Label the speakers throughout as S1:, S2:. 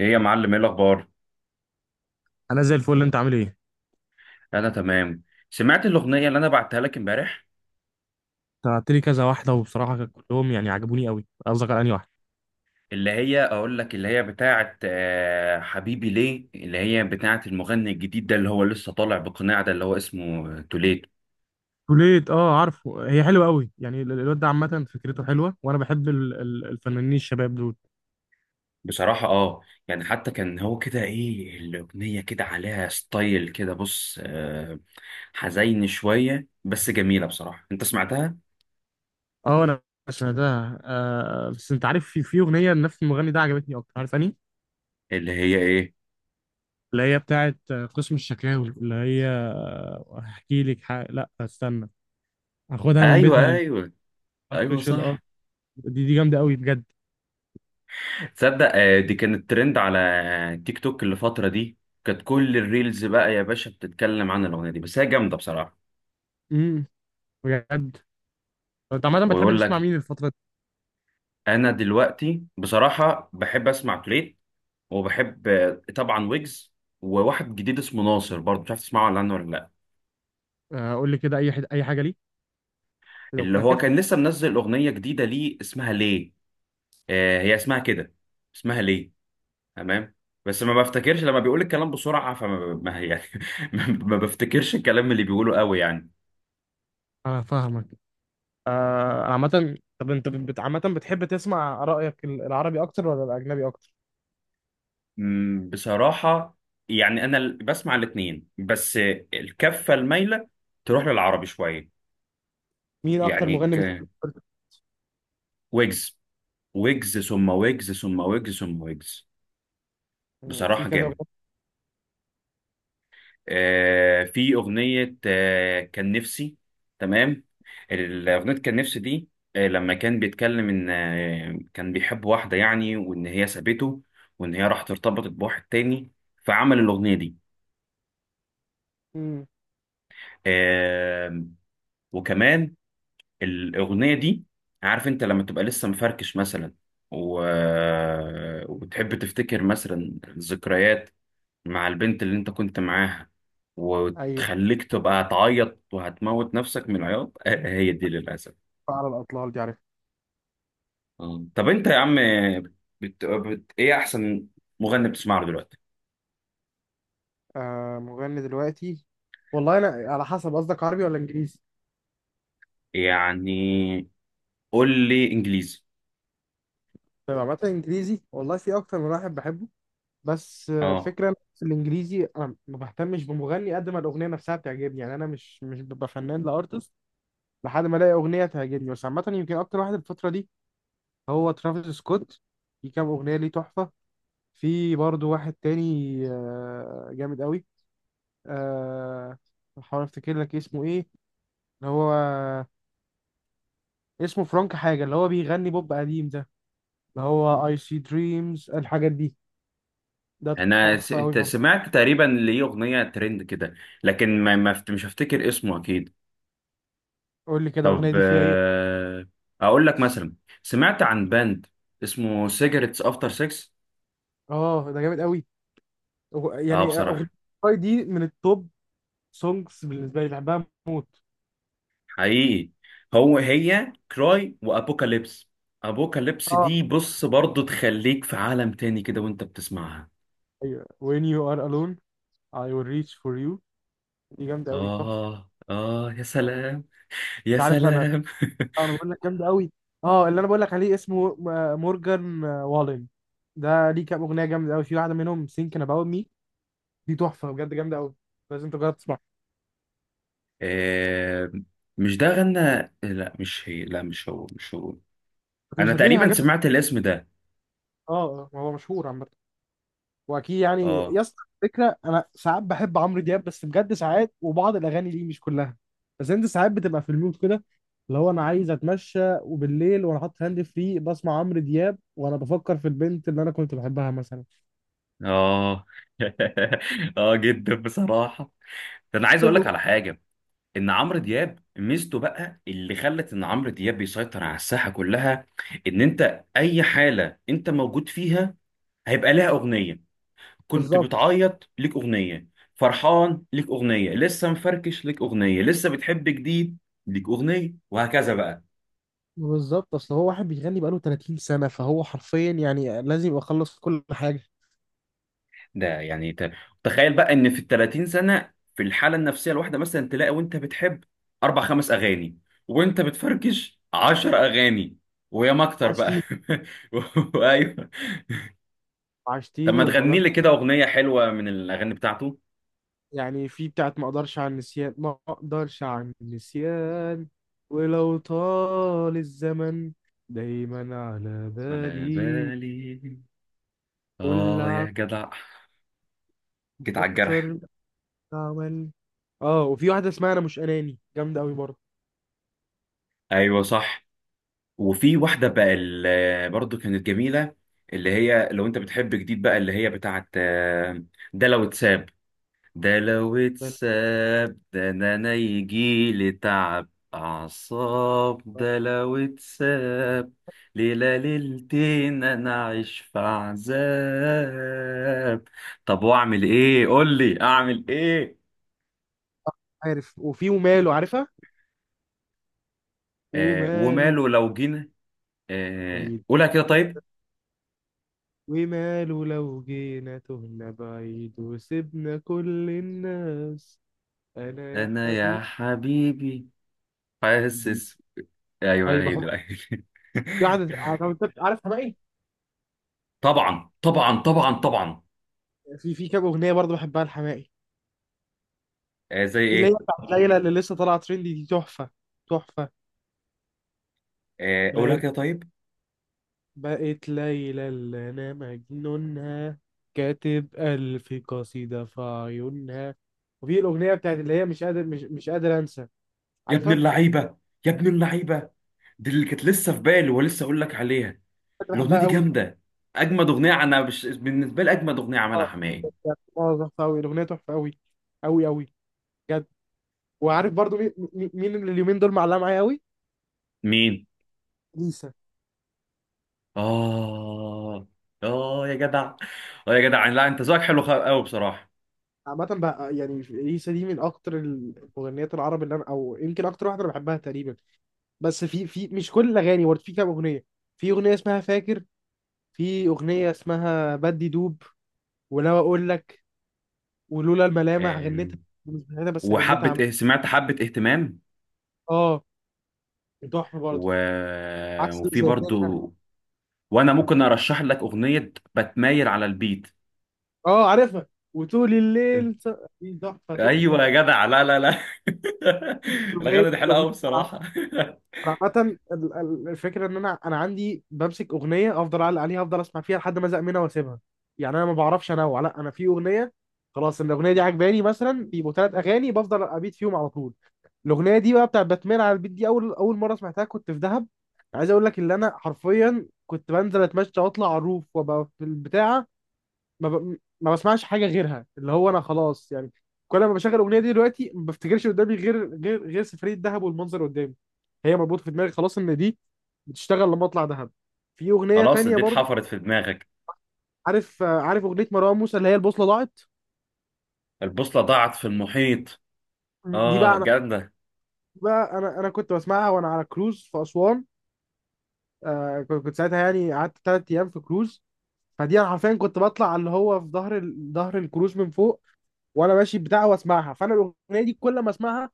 S1: ايه يا معلم، ايه الاخبار؟
S2: انا زي الفل. انت عامل ايه انت؟
S1: انا تمام. سمعت الاغنيه اللي انا بعتها لك امبارح؟
S2: بعت لي كذا واحده وبصراحه كلهم يعني عجبوني قوي. قصدك على انهي واحده؟
S1: اللي هي اقول لك اللي هي بتاعه حبيبي ليه، اللي هي بتاعه المغني الجديد ده اللي هو لسه طالع بقناع ده، اللي هو اسمه توليت.
S2: كليت، اه عارفه، هي حلوه قوي. يعني الواد ده عامه فكرته حلوه، وانا بحب الفنانين الشباب دول.
S1: بصراحه اه، يعني حتى كان هو كده، ايه الاغنيه كده عليها ستايل كده بص، حزين شويه بس جميله بصراحه. انت سمعتها؟
S2: اه انا سمعتها، آه. بس انت عارف، في اغنيه لنفس المغني ده عجبتني اكتر، عارف اني
S1: اللي هي ايه؟
S2: اللي هي بتاعه، قسم الشكاوي، اللي هي، هحكي لك لا استنى، هاخدها من بيتها.
S1: ايوه ايوه. ايوه
S2: السبيشال، اه
S1: صح.
S2: دي جامده قوي بجد.
S1: تصدق دي كانت ترند على تيك توك الفترة دي، كانت كل الريلز بقى يا باشا بتتكلم عن الأغنية دي، بس هي جامدة بصراحة.
S2: امم بجد. انت عامه بتحب
S1: ويقول
S2: تسمع
S1: لك
S2: مين الفتره دي؟
S1: أنا دلوقتي بصراحة بحب أسمع تريت، وبحب طبعا ويجز، وواحد جديد اسمه ناصر برضه مش عارف تسمعه ولا عنه ولا لأ.
S2: قول لي كده، اي اي حاجه ليه لو
S1: اللي هو
S2: فاكر.
S1: كان لسه منزل أغنية جديدة ليه اسمها ليه، هي اسمها كده، اسمها ليه. تمام. بس ما بفتكرش، لما بيقول الكلام بسرعة فما ما يعني، ما بفتكرش الكلام اللي بيقوله قوي يعني.
S2: انا فاهمك. آه، عامة طب انت عامة بتحب تسمع رأيك، العربي اكتر ولا الاجنبي اكتر؟
S1: بصراحة يعني أنا بسمع الاتنين، بس الكفة المايلة تروح للعربي شوية.
S2: مين اكتر
S1: يعني
S2: مغني بتحب
S1: ويجز، ويجز ثم ويجز ثم ويجز ثم ويجز.
S2: تسمع؟ في
S1: بصراحة
S2: كذا مغني.
S1: جامد. آه في أغنية آه كان نفسي، تمام، الأغنية كان نفسي دي، آه لما كان بيتكلم إن آه كان بيحب واحدة يعني، وإن هي سابته وإن هي راحت ارتبطت بواحد تاني، فعمل الأغنية دي.
S2: مم.
S1: آه، وكمان الأغنية دي، عارف أنت لما تبقى لسه مفركش مثلا و... وبتحب تفتكر مثلا ذكريات مع البنت اللي أنت كنت معاها،
S2: ايوه،
S1: وتخليك تبقى هتعيط وهتموت نفسك من العياط، آه، هي دي للأسف.
S2: على الاطلال دي، عارف.
S1: آه. طب أنت يا عم إيه أحسن مغني بتسمع له دلوقتي؟
S2: آه، مغني دلوقتي؟ والله انا على حسب، قصدك عربي ولا انجليزي؟
S1: يعني قول لي إنجليزي.
S2: طيب عامة انجليزي، والله في اكتر من واحد بحبه، بس
S1: أه.
S2: الفكرة إن في الانجليزي انا ما بهتمش بمغني قد ما الاغنية نفسها بتعجبني. يعني انا مش ببقى فنان لارتست لحد ما الاقي اغنية تعجبني. بس عامة يمكن اكتر واحد الفترة دي هو ترافيس سكوت. في كام اغنيه ليه تحفه. في برضو واحد تاني، جامد قوي، آه، بحاول افتكر لك اسمه ايه، اللي هو اسمه فرانك حاجه، اللي هو بيغني بوب قديم ده، اللي هو اي سي دريمز الحاجات دي، ده
S1: أنا
S2: تحفه قوي
S1: أنت
S2: برضو.
S1: سمعت تقريبا ليه أغنية ترند كده، لكن ما... ما... فت- مش هفتكر اسمه أكيد.
S2: قول لي كده الاغنيه
S1: طب
S2: دي فيها ايه؟
S1: اقول لك مثلا، سمعت عن باند اسمه سيجرتس افتر 6؟
S2: اه ده جامد قوي.
S1: اه
S2: يعني اغنيه
S1: بصراحه.
S2: Why دي من التوب سونجز، بالنسبه لي بحبها موت.
S1: حقيقي. هو هي كراي وابوكاليبس، ابوكاليبس
S2: اه،
S1: دي بص برضو تخليك في عالم تاني كده وانت بتسمعها.
S2: ايوه، when you are alone I will reach for you. دي جامده قوي، تحفه.
S1: اه اه، يا سلام يا
S2: انت عارف انا،
S1: سلام.
S2: اه انا بقول لك جامد قوي. اه اللي انا بقول لك عليه اسمه مورجان والين. ده ليه كام اغنيه جامده قوي، في واحده منهم سينكن اباوت مي، دي تحفه بجد، جامده قوي، لازم تجرب تسمعها.
S1: آه مش ده غنى، لا مش هي، لا مش هو.
S2: بس
S1: انا
S2: مش هتلاقيه
S1: تقريبا
S2: حاجات.
S1: سمعت الاسم ده.
S2: اه، هو مشهور عامه، واكيد يعني.
S1: اه.
S2: يا اسطى فكره، انا ساعات بحب عمرو دياب، بس بجد ساعات وبعض الاغاني ليه مش كلها. بس انت ساعات بتبقى في المود كده اللي هو انا عايز اتمشى وبالليل وانا حاطط هاند فري بسمع عمرو دياب وانا بفكر في البنت اللي انا كنت بحبها مثلا.
S1: اه. اه جدا بصراحة. ده انا عايز اقول لك
S2: طب،
S1: على حاجه، ان عمرو دياب ميزته بقى اللي خلت ان عمرو دياب بيسيطر على الساحه كلها، ان انت اي حاله انت موجود فيها هيبقى لها اغنيه. كنت
S2: بالظبط.
S1: بتعيط ليك اغنيه، فرحان ليك اغنيه، لسه مفركش ليك اغنيه، لسه بتحب جديد ليك اغنيه، وهكذا بقى.
S2: بالظبط، اصل هو واحد بيغني بقاله 30 سنة، فهو حرفيا يعني لازم يبقى خلص كل حاجة.
S1: ده يعني تخيل بقى ان في ال 30 سنه، في الحاله النفسيه الواحده مثلا تلاقي وانت بتحب اربع خمس اغاني، وانت بتفركش 10 اغاني ويا ما اكتر بقى.
S2: عشتيني،
S1: ايوه. طب
S2: عشتيني
S1: ما
S2: وما
S1: تغني
S2: اقدرش.
S1: لي كده اغنيه حلوه من الاغاني بتاعته.
S2: يعني في بتاعت ما اقدرش عن النسيان، ما اقدرش عن النسيان ولو طال الزمن، دايما على
S1: على
S2: بالي
S1: بالي،
S2: كل
S1: اه
S2: عام.
S1: يا جدع، جيت على الجرح.
S2: اكتر عمل، اه وفي واحدة اسمها انا مش اناني، جامدة قوي برضه.
S1: ايوه صح. وفي واحده بقى برضو كانت جميله، اللي هي لو انت بتحب جديد بقى، اللي هي بتاعت ده لو اتساب، ده لو
S2: ده أنا،
S1: اتساب ده انا أنا يجيلي تعب اعصاب، ده لو اتساب ليلة ليلتين انا اعيش في عذاب. طب واعمل ايه، قول لي اعمل ايه.
S2: عارف، وفي وماله، عارفها.
S1: آه
S2: وماله،
S1: وماله لو جينا، آه قولها كده طيب.
S2: وماله لو جينا تهنا بعيد وسبنا كل الناس، انا يا
S1: انا يا
S2: حبيبي
S1: حبيبي،
S2: جديد.
S1: حاسس. ايوه
S2: اي
S1: هي
S2: بحب،
S1: دي بقى.
S2: قاعد. عارف حماقي؟
S1: طبعا طبعا طبعا طبعا.
S2: في كام اغنيه برضه بحبها لحماقي.
S1: آه زي
S2: في اللي هي
S1: ايه؟
S2: بتاعت ليلى اللي لسه طالعه ترندي، دي تحفه، تحفه.
S1: آه قولها
S2: لا،
S1: كده طيب.
S2: بقت ليلى اللي انا مجنونها، كاتب الف قصيده في عيونها. وفي الاغنيه بتاعت اللي هي مش قادر، مش قادر انسى،
S1: يا ابن
S2: عارفها.
S1: اللعيبه، يا ابن اللعيبه، دي اللي كانت لسه في بالي ولسه اقول لك عليها.
S2: كنت
S1: الاغنيه
S2: بحبها
S1: دي
S2: قوي.
S1: جامده، اجمد اغنيه انا بالنسبه لي اجمد اغنيه عملها
S2: اه
S1: حماقي.
S2: بجد، اه ظبط قوي، الاغنيه تحفه قوي، قوي قوي بجد. وعارف برضو مين مين اللي اليومين دول معلقه معايا قوي؟
S1: مين؟
S2: ليسا.
S1: اه. اه يا جدع، اه يا جدع، لا انت ذوقك حلو قوي بصراحه.
S2: عامة بقى يعني ليسا دي من أكتر المغنيات العرب اللي أنا، أو يمكن أكتر واحدة أنا بحبها تقريبا. بس في مش كل الأغاني برضه، في كام أغنية. في أغنية اسمها فاكر، في أغنية اسمها بدي دوب، ولو أقول لك ولولا الملامح
S1: آه،
S2: غنيتها، مش غنيتها بس، غنيتها
S1: وحبه
S2: عم.
S1: سمعت حبه اهتمام؟
S2: آه تحفة برضه.
S1: و...
S2: عكس
S1: وفي
S2: زي تاني أنا.
S1: برضو، وانا ممكن ارشح لك اغنيه بتمايل على البيت.
S2: آه عارفها، وطول الليل دي تحفة،
S1: ايوه
S2: تحفة.
S1: يا جدع، لا لا لا،
S2: الاغنيه،
S1: الاغاني دي حلوه
S2: الأغنية،
S1: قوي
S2: عامه،
S1: بصراحه.
S2: الفكره ان انا عندي بمسك اغنيه افضل اعلق عليها، افضل اسمع فيها لحد ما ازهق منها واسيبها. يعني انا ما بعرفش انوع، لا انا في اغنيه خلاص إن الاغنيه دي عجباني مثلا، بيبقوا 3 اغاني بفضل ابيت فيهم على طول. الاغنيه دي بقى بتاعت باتمان على البيت، دي اول مره سمعتها كنت في دهب. عايز اقول لك ان انا حرفيا كنت بنزل اتمشى واطلع على الروف وابقى في البتاعه، ما بسمعش حاجه غيرها، اللي هو انا خلاص يعني. كل ما بشغل الاغنيه دي دلوقتي ما بفتكرش قدامي غير غير سفريه دهب والمنظر قدامي. هي مربوطه في دماغي خلاص ان دي بتشتغل لما اطلع دهب. في اغنيه
S1: خلاص
S2: تانية
S1: دي
S2: برضو،
S1: اتحفرت في دماغك.
S2: عارف، عارف اغنيه مروان موسى اللي هي البوصله ضاعت.
S1: البوصلة ضاعت في المحيط.
S2: دي بقى
S1: اه
S2: انا،
S1: جامدة.
S2: كنت بسمعها وانا على كروز في اسوان. آه كنت ساعتها يعني قعدت 3 ايام في كروز. فدي انا حرفيا كنت بطلع اللي هو في ظهر الكروز من فوق وانا ماشي بتاع واسمعها. فانا الاغنيه دي كل ما اسمعها،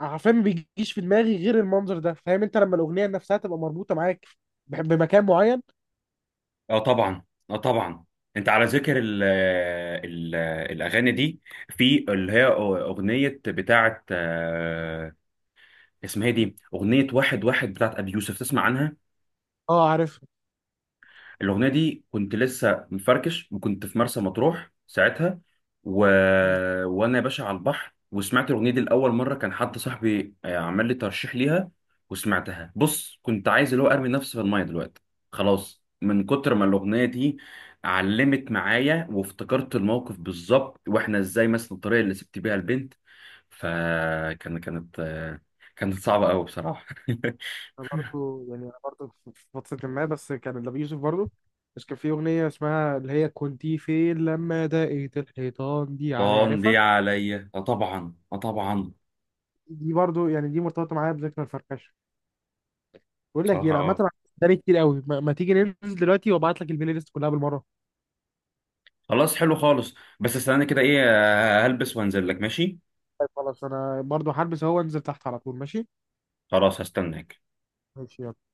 S2: عارفين، ما بيجيش في دماغي غير المنظر ده. فاهم انت لما الاغنيه نفسها تبقى مربوطه معاك بمكان معين.
S1: اه طبعا، اه طبعا. انت على ذكر ال الاغاني دي، في اللي هي اغنية بتاعت اسمها إيه،
S2: مم.
S1: دي اغنية واحد واحد بتاعت ابي يوسف، تسمع عنها؟
S2: اه عارفها.
S1: الأغنية دي كنت لسه مفركش وكنت في مرسى مطروح ساعتها، و...
S2: مم.
S1: وأنا يا باشا على البحر، وسمعت الأغنية دي لأول مرة، كان حد صاحبي عمل لي ترشيح ليها، وسمعتها بص، كنت عايز اللي هو أرمي نفسي في المية دلوقتي، خلاص من كتر ما الأغنية دي علمت معايا وافتكرت الموقف بالظبط، وإحنا إزاي مثلا، الطريقة اللي سبت بيها البنت، كانت كانت صعبة أوي بصراحة.
S2: انا برضو يعني، انا برضو في فترة ما، بس كان لأبي يوسف برضو، بس كان في اغنية اسمها اللي هي كنت فين لما دقيت الحيطان دي، على
S1: طن دي
S2: يعرفها.
S1: عليا، آه طبعا آه طبعا.
S2: دي برضو يعني دي مرتبطة معايا بذكرى الفركشة. بقول لك ايه
S1: بصراحة
S2: انا
S1: اه.
S2: عامة عندي كتير قوي، ما تيجي ننزل دلوقتي وابعت لك البلاي ليست كلها بالمرة؟
S1: خلاص حلو خالص، بس استناني كده، ايه هلبس وانزل لك، ماشي؟
S2: طيب، خلاص انا برضو هلبس اهو وانزل تحت على طول، ماشي.
S1: خلاص، هستناك.
S2: ماشي، يلا.